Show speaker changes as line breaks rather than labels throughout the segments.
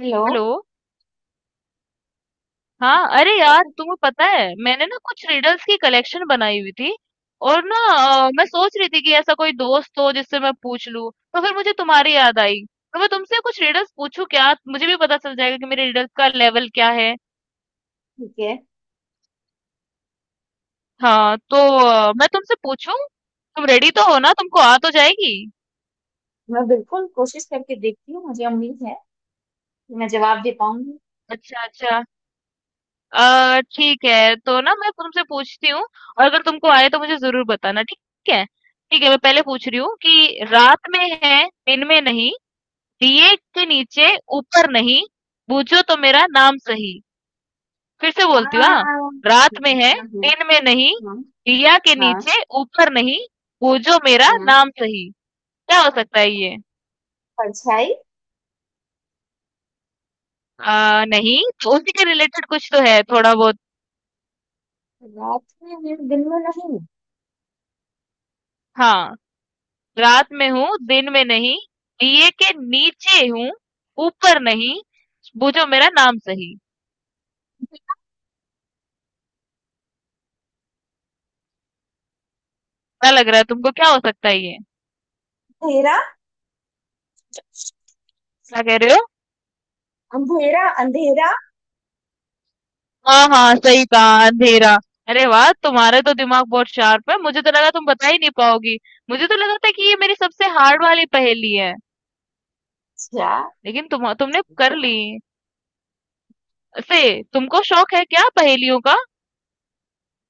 Hello.
Hello हाँ अरे
yes.
यार तुम्हें पता है मैंने ना कुछ रिडल्स की कलेक्शन बनाई हुई थी और ना मैं सोच रही थी कि ऐसा कोई दोस्त हो जिससे मैं पूछ लूं तो फिर मुझे तुम्हारी याद आई। तो मैं तुमसे कुछ रिडल्स पूछूं क्या? मुझे भी पता चल जाएगा कि मेरे रिडल्स का लेवल क्या है।
ठीक है।
हाँ तो मैं तुमसे पूछूं? तुम रेडी तो हो ना, तुमको आ तो जाएगी।
मैं बिल्कुल कोशिश करके देखती हूँ। मुझे उम्मीद है कि मैं जवाब दे पाऊंगी।
अच्छा अच्छा। अ, ठीक है तो ना मैं तुमसे पूछती हूँ और अगर तुमको आए तो मुझे जरूर बताना, ठीक है? ठीक है, मैं पहले पूछ रही हूँ कि रात में है दिन में नहीं, दिए के नीचे ऊपर नहीं, बूझो तो मेरा नाम सही। फिर से
हाँ,
बोलती हूँ हाँ। रात में है
हाँ,
दिन में नहीं,
हाँ,
दिया के
हाँ,
नीचे ऊपर नहीं, बूझो मेरा
हाँ।
नाम सही। क्या हो सकता है ये?
परछाई।
नहीं तो उसी के रिलेटेड कुछ तो है थोड़ा बहुत।
रात में है, दिन में नहीं।
हाँ। रात में हूँ, दिन में नहीं, दिए के नीचे हूँ, ऊपर नहीं, बूझो मेरा नाम सही। क्या लग रहा है तुमको, क्या हो सकता है ये?
अंधेरा।
क्या कह रहे हो?
अंधेरा, अंधेरा।
हाँ हाँ, सही कहा, अंधेरा। अरे वाह, तुम्हारे तो दिमाग बहुत शार्प है, मुझे तो लगा तुम बता ही नहीं पाओगी। मुझे तो लगा था कि ये मेरी सबसे हार्ड वाली पहेली है,
अच्छा।
लेकिन तुमने कर ली से। तुमको शौक है क्या पहेलियों का?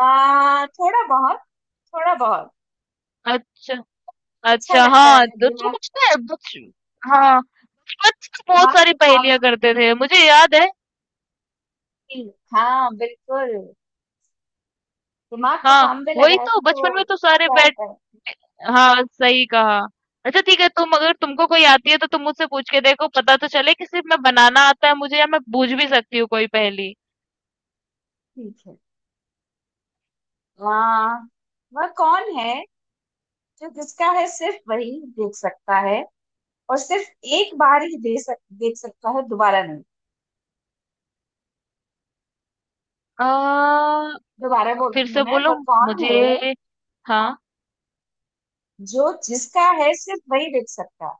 थोड़ा बहुत। थोड़ा बहुत।
अच्छा
अच्छा
अच्छा।
लगता
हाँ
है
तो तुम
दिमाग।
कुछ ना कुछ- हाँ, बचपन में बहुत
दिमाग
सारी
को काम
पहेलियां करते थे मुझे याद है।
हाँ, बिल्कुल। दिमाग को
हाँ
काम पे
वही
लगाएगी
तो,
तो
बचपन में तो सारे
क्या
बैट,
आता है।
हाँ सही कहा। अच्छा ठीक है, तुम अगर तुमको कोई आती है तो तुम मुझसे पूछ के देखो, पता तो चले कि सिर्फ मैं बनाना आता है मुझे या मैं बूझ भी सकती हूँ कोई पहेली।
ठीक है। आ, वह कौन है जो जिसका है सिर्फ वही देख सकता है? और सिर्फ एक बार ही देख सकता है, दोबारा नहीं।
आ,
दोबारा
फिर
बोलती हूँ,
से
मैं,
बोलो
वह कौन है
मुझे। हाँ।
जो जिसका है सिर्फ वही देख सकता है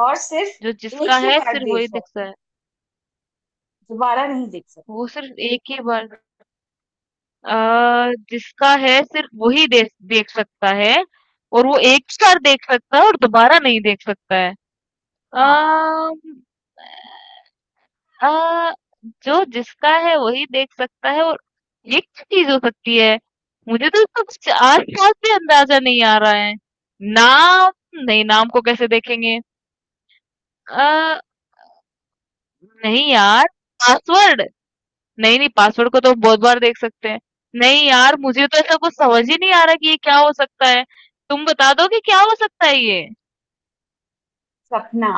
और
जो
सिर्फ एक
जिसका
ही
है
बार
सिर्फ
देख
वही
सकता
दिखता
है,
है,
दोबारा नहीं देख
वो
सकता।
सिर्फ एक ही बार, जिसका है सिर्फ वही देख देख सकता है, और वो एक ही बार देख सकता है और दोबारा नहीं देख सकता है।
हाँ।
आ, अ, जो जिसका है वही देख सकता है और ये क्या चीज़ हो सकती है? मुझे तो इसका कुछ आस-पास भी अंदाज़ा नहीं आ रहा है। नाम? नहीं, नाम को कैसे देखेंगे? अ, नहीं यार, पासवर्ड? नहीं, नहीं, पासवर्ड को तो हम बहुत बार देख सकते हैं। नहीं यार, मुझे तो ऐसा कुछ समझ ही नहीं आ रहा कि ये क्या हो सकता है। तुम बता दो कि क्या हो सकता है ये?
सपना।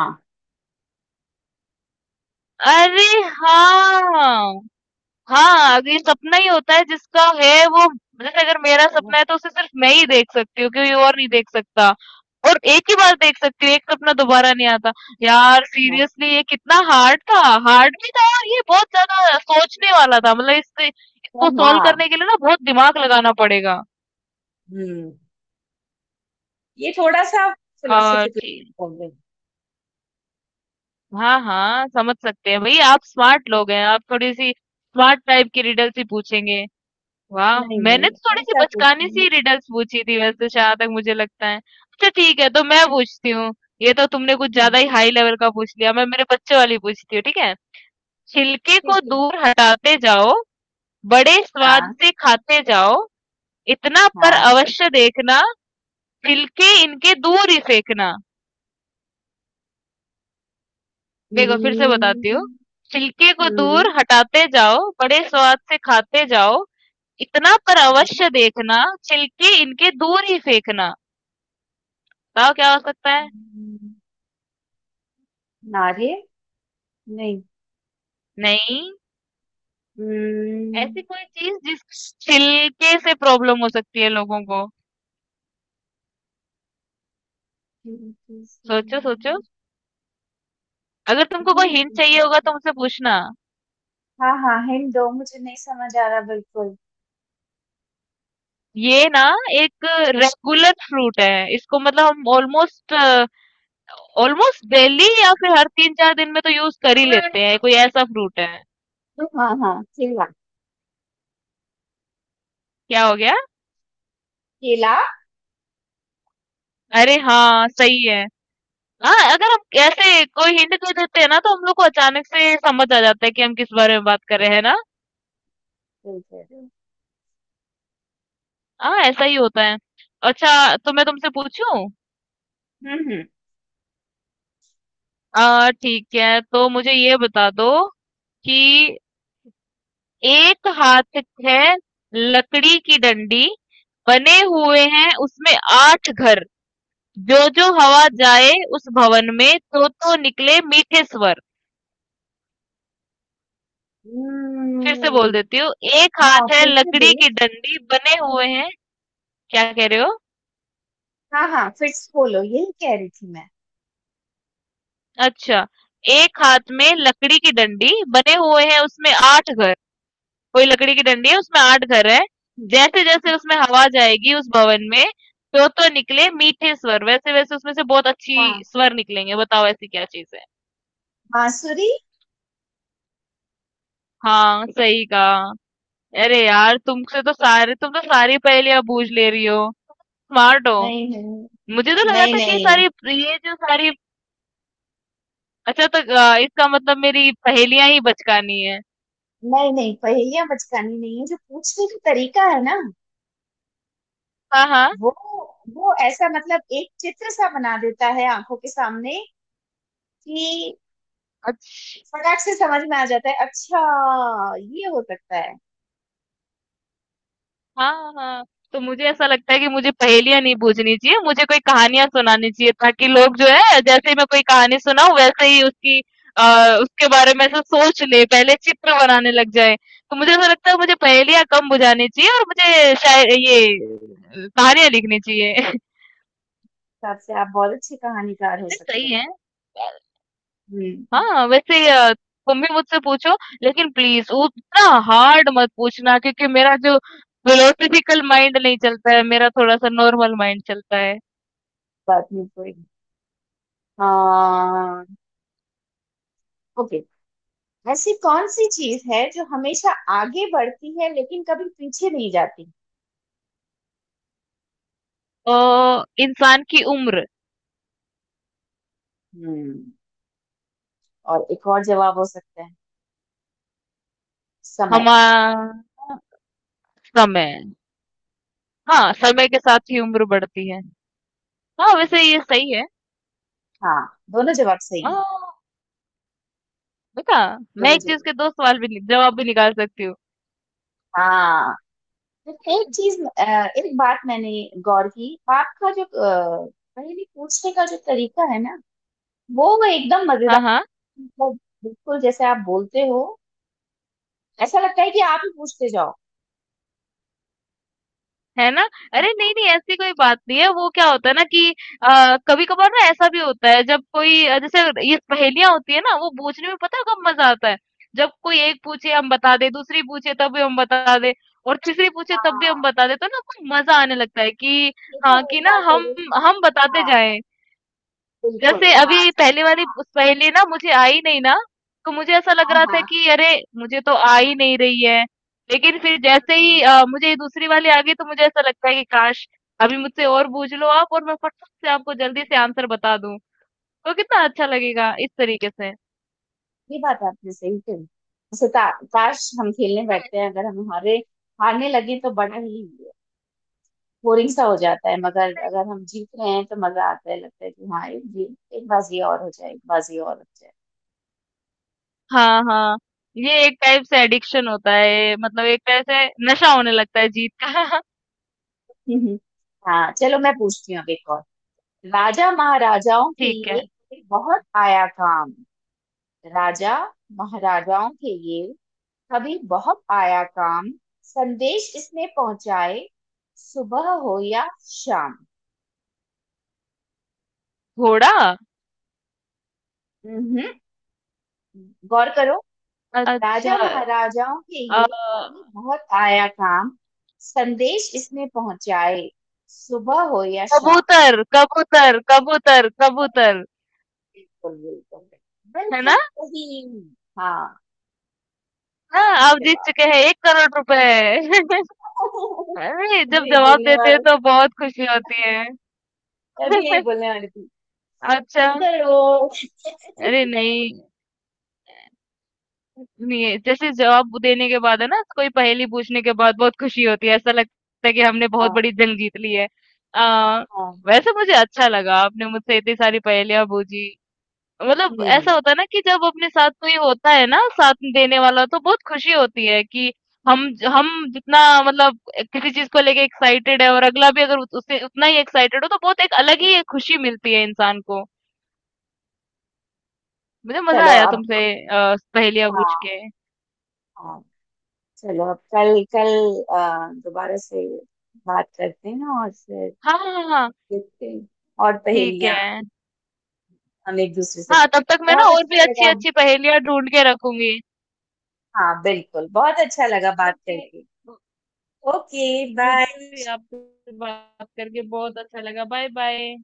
अरे हाँ! हाँ, ये सपना ही होता है, जिसका है वो, जैसे अगर मेरा सपना है तो उसे सिर्फ मैं ही देख सकती हूँ, कोई और नहीं देख सकता। और एक ही बार देख सकती हूँ, एक सपना दोबारा नहीं आता। यार सीरियसली ये कितना हार्ड था। हार्ड भी था और ये बहुत ज्यादा सोचने वाला था, मतलब इससे, इसको सॉल्व
हाँ।
करने के लिए ना बहुत दिमाग लगाना पड़ेगा।
हम्म। ये थोड़ा सा
और
फिलोसफिकल
ठीक।
बोल रही हूँ।
हाँ हाँ, समझ सकते हैं भाई, आप स्मार्ट लोग हैं, आप थोड़ी सी स्मार्ट टाइप की रिडल्स ही पूछेंगे। वाह!
नहीं,
मैंने
नहीं,
तो थोड़ी-सी
ऐसा कुछ
बचकाने
नहीं।
सी रिडल्स पूछी थी वैसे तो, जहाँ तक मुझे लगता है। अच्छा ठीक है, तो मैं पूछती हूँ। ये तो तुमने कुछ
हम्म,
ज़्यादा ही हाई लेवल का पूछ लिया। मैं मेरे बच्चों वाली पूछती हूँ, ठीक है? छिलके को
ठीक है।
दूर हटाते जाओ, बड़े स्वाद
हाँ,
से खाते जाओ, इतना पर
हाँ।
अवश्य देखना, छिलके इनके दूर ही फेंकना। देखो फिर से बताती हूँ।
हम्म,
छिलके को
हम्म,
दूर हटाते जाओ, बड़े स्वाद से खाते जाओ, इतना पर
हम्म।
अवश्य देखना, छिलके इनके दूर ही फेंकना। बताओ क्या हो सकता है?
हम्म, नारियल। नहीं।
नहीं,
हम्म,
ऐसी कोई चीज जिस छिलके से प्रॉब्लम हो सकती है लोगों को, सोचो सोचो। अगर तुमको कोई हिंट चाहिए होगा तो मुझसे पूछना।
हाँ, हाँ, हिंट दो। मुझे नहीं समझ आ रहा बिल्कुल।
ये ना एक रेगुलर फ्रूट है इसको, मतलब हम ऑलमोस्ट ऑलमोस्ट डेली या फिर हर तीन चार दिन में तो यूज कर ही लेते हैं। कोई ऐसा फ्रूट है?
हाँ, हाँ, केला।
क्या हो गया?
केला।
अरे हाँ सही है। हाँ, अगर हम ऐसे कोई हिंट दे देते हैं ना तो हम लोग को अचानक से समझ आ जाता है कि हम किस बारे में बात कर रहे हैं ना।
बिल्कुल।
हाँ ऐसा ही होता है। अच्छा तो मैं तुमसे पूछूं?
हम्म हम्म
आ, ठीक है तो मुझे ये बता दो कि एक हाथ है लकड़ी की डंडी, बने हुए हैं उसमें आठ घर, जो जो हवा जाए उस भवन में तो निकले मीठे स्वर। फिर से बोल
हम्म,
देती हूँ। एक
हाँ,
हाथ है
फिर से
लकड़ी
बोलो।
की डंडी बने हुए हैं। क्या कह रहे हो?
हाँ, हाँ, फिर से बोलो, यही कह रही थी मैं।
अच्छा। एक हाथ में लकड़ी की डंडी बने हुए हैं उसमें आठ घर। कोई लकड़ी की डंडी है उसमें 8 घर हैं।
हम्म,
जैसे-जैसे उसमें हवा जाएगी उस भवन में, तो-तो निकले मीठे स्वर, वैसे-वैसे उसमें से बहुत अच्छी
हाँ।
स्वर निकलेंगे। बताओ ऐसी क्या चीज़ है?
बांसुरी।
हाँ, सही कहा। अरे यार, तुमसे तो सारे, तुम तो सारी पहेलियाँ बूझ ले रही हो। स्मार्ट हो।
नहीं, नहीं।
मुझे तो लगा
नहीं,
था कि ये
नहीं,
सारी, ये जो सारी, अच्छा तो इसका मतलब मेरी पहेलियाँ ही बचकानी है।
नहीं, नहीं, पहेलियां बचकानी नहीं है। जो पूछने का तरीका है ना,
हाँ, हाँ।
वो वो ऐसा, मतलब, एक चित्र सा बना देता है आंखों के सामने कि
अच्छा।
फटाक से समझ में आ जाता है। अच्छा, ये हो सकता है।
हाँ, हाँ। तो मुझे ऐसा लगता है कि मुझे पहेलियाँ नहीं बूझनी चाहिए, मुझे कोई कहानियाँ सुनानी चाहिए ताकि लोग जो है जैसे ही मैं कोई कहानी सुनाऊँ वैसे ही उसकी अ, उसके बारे में ऐसे सोच ले, पहले चित्र बनाने लग जाए। तो मुझे ऐसा लगता है मुझे पहेलियाँ कम बुझानी चाहिए और मुझे शाय ये कहानियाँ लिखनी चाहिए।
हिसाब से आप बहुत अच्छे कहानीकार हो सकते
सही
हो।
है।
हम्म।
हाँ, वैसे तुम भी मुझसे पूछो, लेकिन प्लीज़ उतना हार्ड मत पूछना क्योंकि मेरा जो फिलोसॉफिकल माइंड नहीं चलता है, मेरा थोड़ा-सा नॉर्मल माइंड चलता है।
बात नहीं कोई। हाँ। ओके। ऐसी कौन सी चीज है जो हमेशा आगे बढ़ती है लेकिन कभी पीछे नहीं जाती?
अ, इंसान की उम्र।
हम्म। और एक और जवाब हो सकता है, समय।
हमारा समय।
हम्म,
हाँ, समय के साथ ही उम्र बढ़ती है। हाँ,
हम्म।
वैसे ये सही है।
हाँ, दोनों जवाब
अ,
सही है।
देखा, मैं
दोनों
एक चीज़
जवाब।
के 2 सवाल भी, नि जवाब भी निकाल सकती हूँ।
हाँ। लेकिन एक चीज, एक बात मैंने गौर की, आपका जो, पहेली पूछने का जो तरीका है ना, वो एकदम
हाँ,
मजेदार,
हाँ।
मतलब, बिल्कुल जैसे आप बोलते हो, ऐसा लगता है कि आप ही पूछते जाओ।
है ना? अरे नहीं नहीं, ऐसी कोई बात नहीं है। वो क्या होता है ना कि कभी कभार ना ऐसा भी होता है जब कोई जैसे ये पहेलियां होती है ना वो पूछने में, पता है कब मजा आता है? जब कोई एक पूछे हम बता दे, दूसरी पूछे तब भी हम बता दे, और तीसरी पूछे तब भी हम
हाँ,
बता दे, तो ना कुछ मजा आने लगता है कि
ये तो
हाँ,
वही
कि ना
बात हो
हम
गई।
हम बताते
हाँ,
जाएं।
बिल्कुल,
जैसे
हाँ,
अभी
जब,
पहले वाली
हाँ,
उस पहेली ना मुझे आई नहीं ना, तो मुझे ऐसा लग
हाँ,
रहा था
हाँ,
कि अरे! मुझे तो आ ही नहीं रही है। लेकिन फिर जैसे ही मुझे ये दूसरी वाली आ गई तो मुझे ऐसा लगता है कि काश! अभी मुझसे और पूछ लो आप और मैं फटाक से आपको जल्दी से आंसर बता दूँ। तो कितना अच्छा लगेगा इस तरीके से।
ये बात आपने सही कही। जैसे काश, हम खेलने
है।
बैठते हैं, अगर हम हारे, हारने लगे तो बड़ा ही बोरिंग सा हो जाता है, मगर अगर हम जीत रहे हैं तो मजा आता है, लगता है कि हाँ, एक बाजी और हो जाए, एक बाजी और हो जाए।
हाँ, हाँ। ये एक टाइप से एडिक्शन होता है, मतलब एक तरह से नशा होने लगता है जीत का।
हम्म। हाँ, चलो, मैं पूछती हूँ अब एक और। राजा महाराजाओं के
ठीक
ये
है।
कभी बहुत आया काम। राजा महाराजाओं के ये कभी बहुत आया काम, संदेश इसने पहुंचाए सुबह हो या शाम।
घोड़ा?
हम्म, गौर करो।
अच्छा।
राजा महाराजाओं के
अ।
ये अभी बहुत आया काम, संदेश इसमें पहुंचाए सुबह हो या शाम।
कबूतर, कबूतर, कबूतर, कबूतर,
बिल्कुल, बिल्कुल,
है ना?
बिल्कुल सही। हाँ।
हाँ,
सही
आप जीत
जवाब।
चुके हैं 1 करोड़ रुपए। अरे!
अभी
जब
यही
जवाब
बोलने
देते हैं
वाली।
तो बहुत खुशी होती है।
अभी यही बोलने वाली थी।
अच्छा,
चलो।
अरे नहीं, नहीं जैसे जवाब देने के बाद है ना, कोई पहेली पूछने के बाद बहुत खुशी होती है, ऐसा लगता है कि हमने बहुत
हाँ,
बड़ी जंग जीत ली है। अ,
हाँ।
वैसे मुझे अच्छा लगा, आपने मुझसे इतनी सारी पहेलियाँ बूझी। मतलब
हम्म।
ऐसा होता है ना कि जब अपने साथ कोई होता है ना साथ देने वाला तो बहुत खुशी होती है कि हम, जितना मतलब किसी चीज को लेके एक्साइटेड है और अगला भी अगर उससे उतना ही एक्साइटेड हो तो बहुत एक अलग ही एक खुशी मिलती है इंसान को। मुझे मजा
चलो
आया
अब।
तुमसे पहेलियां पूछ
हाँ,
के।
हाँ। चलो अब, कल कल दोबारा से बात करते हैं, और फिर
हाँ हाँ हाँ।
देखते हैं और
ठीक
पहेलियां
है।
हम एक दूसरे से
हाँ
पूछ।
तब तक मैं ना
बहुत
और भी
अच्छा
अच्छी
लगा।
अच्छी पहेलियां ढूंढ के रखूंगी।
हाँ, बिल्कुल बहुत अच्छा लगा बात
ओके।
करके। ओके। बाय।
मुझे भी आपसे बात करके बहुत अच्छा लगा, बाय बाय।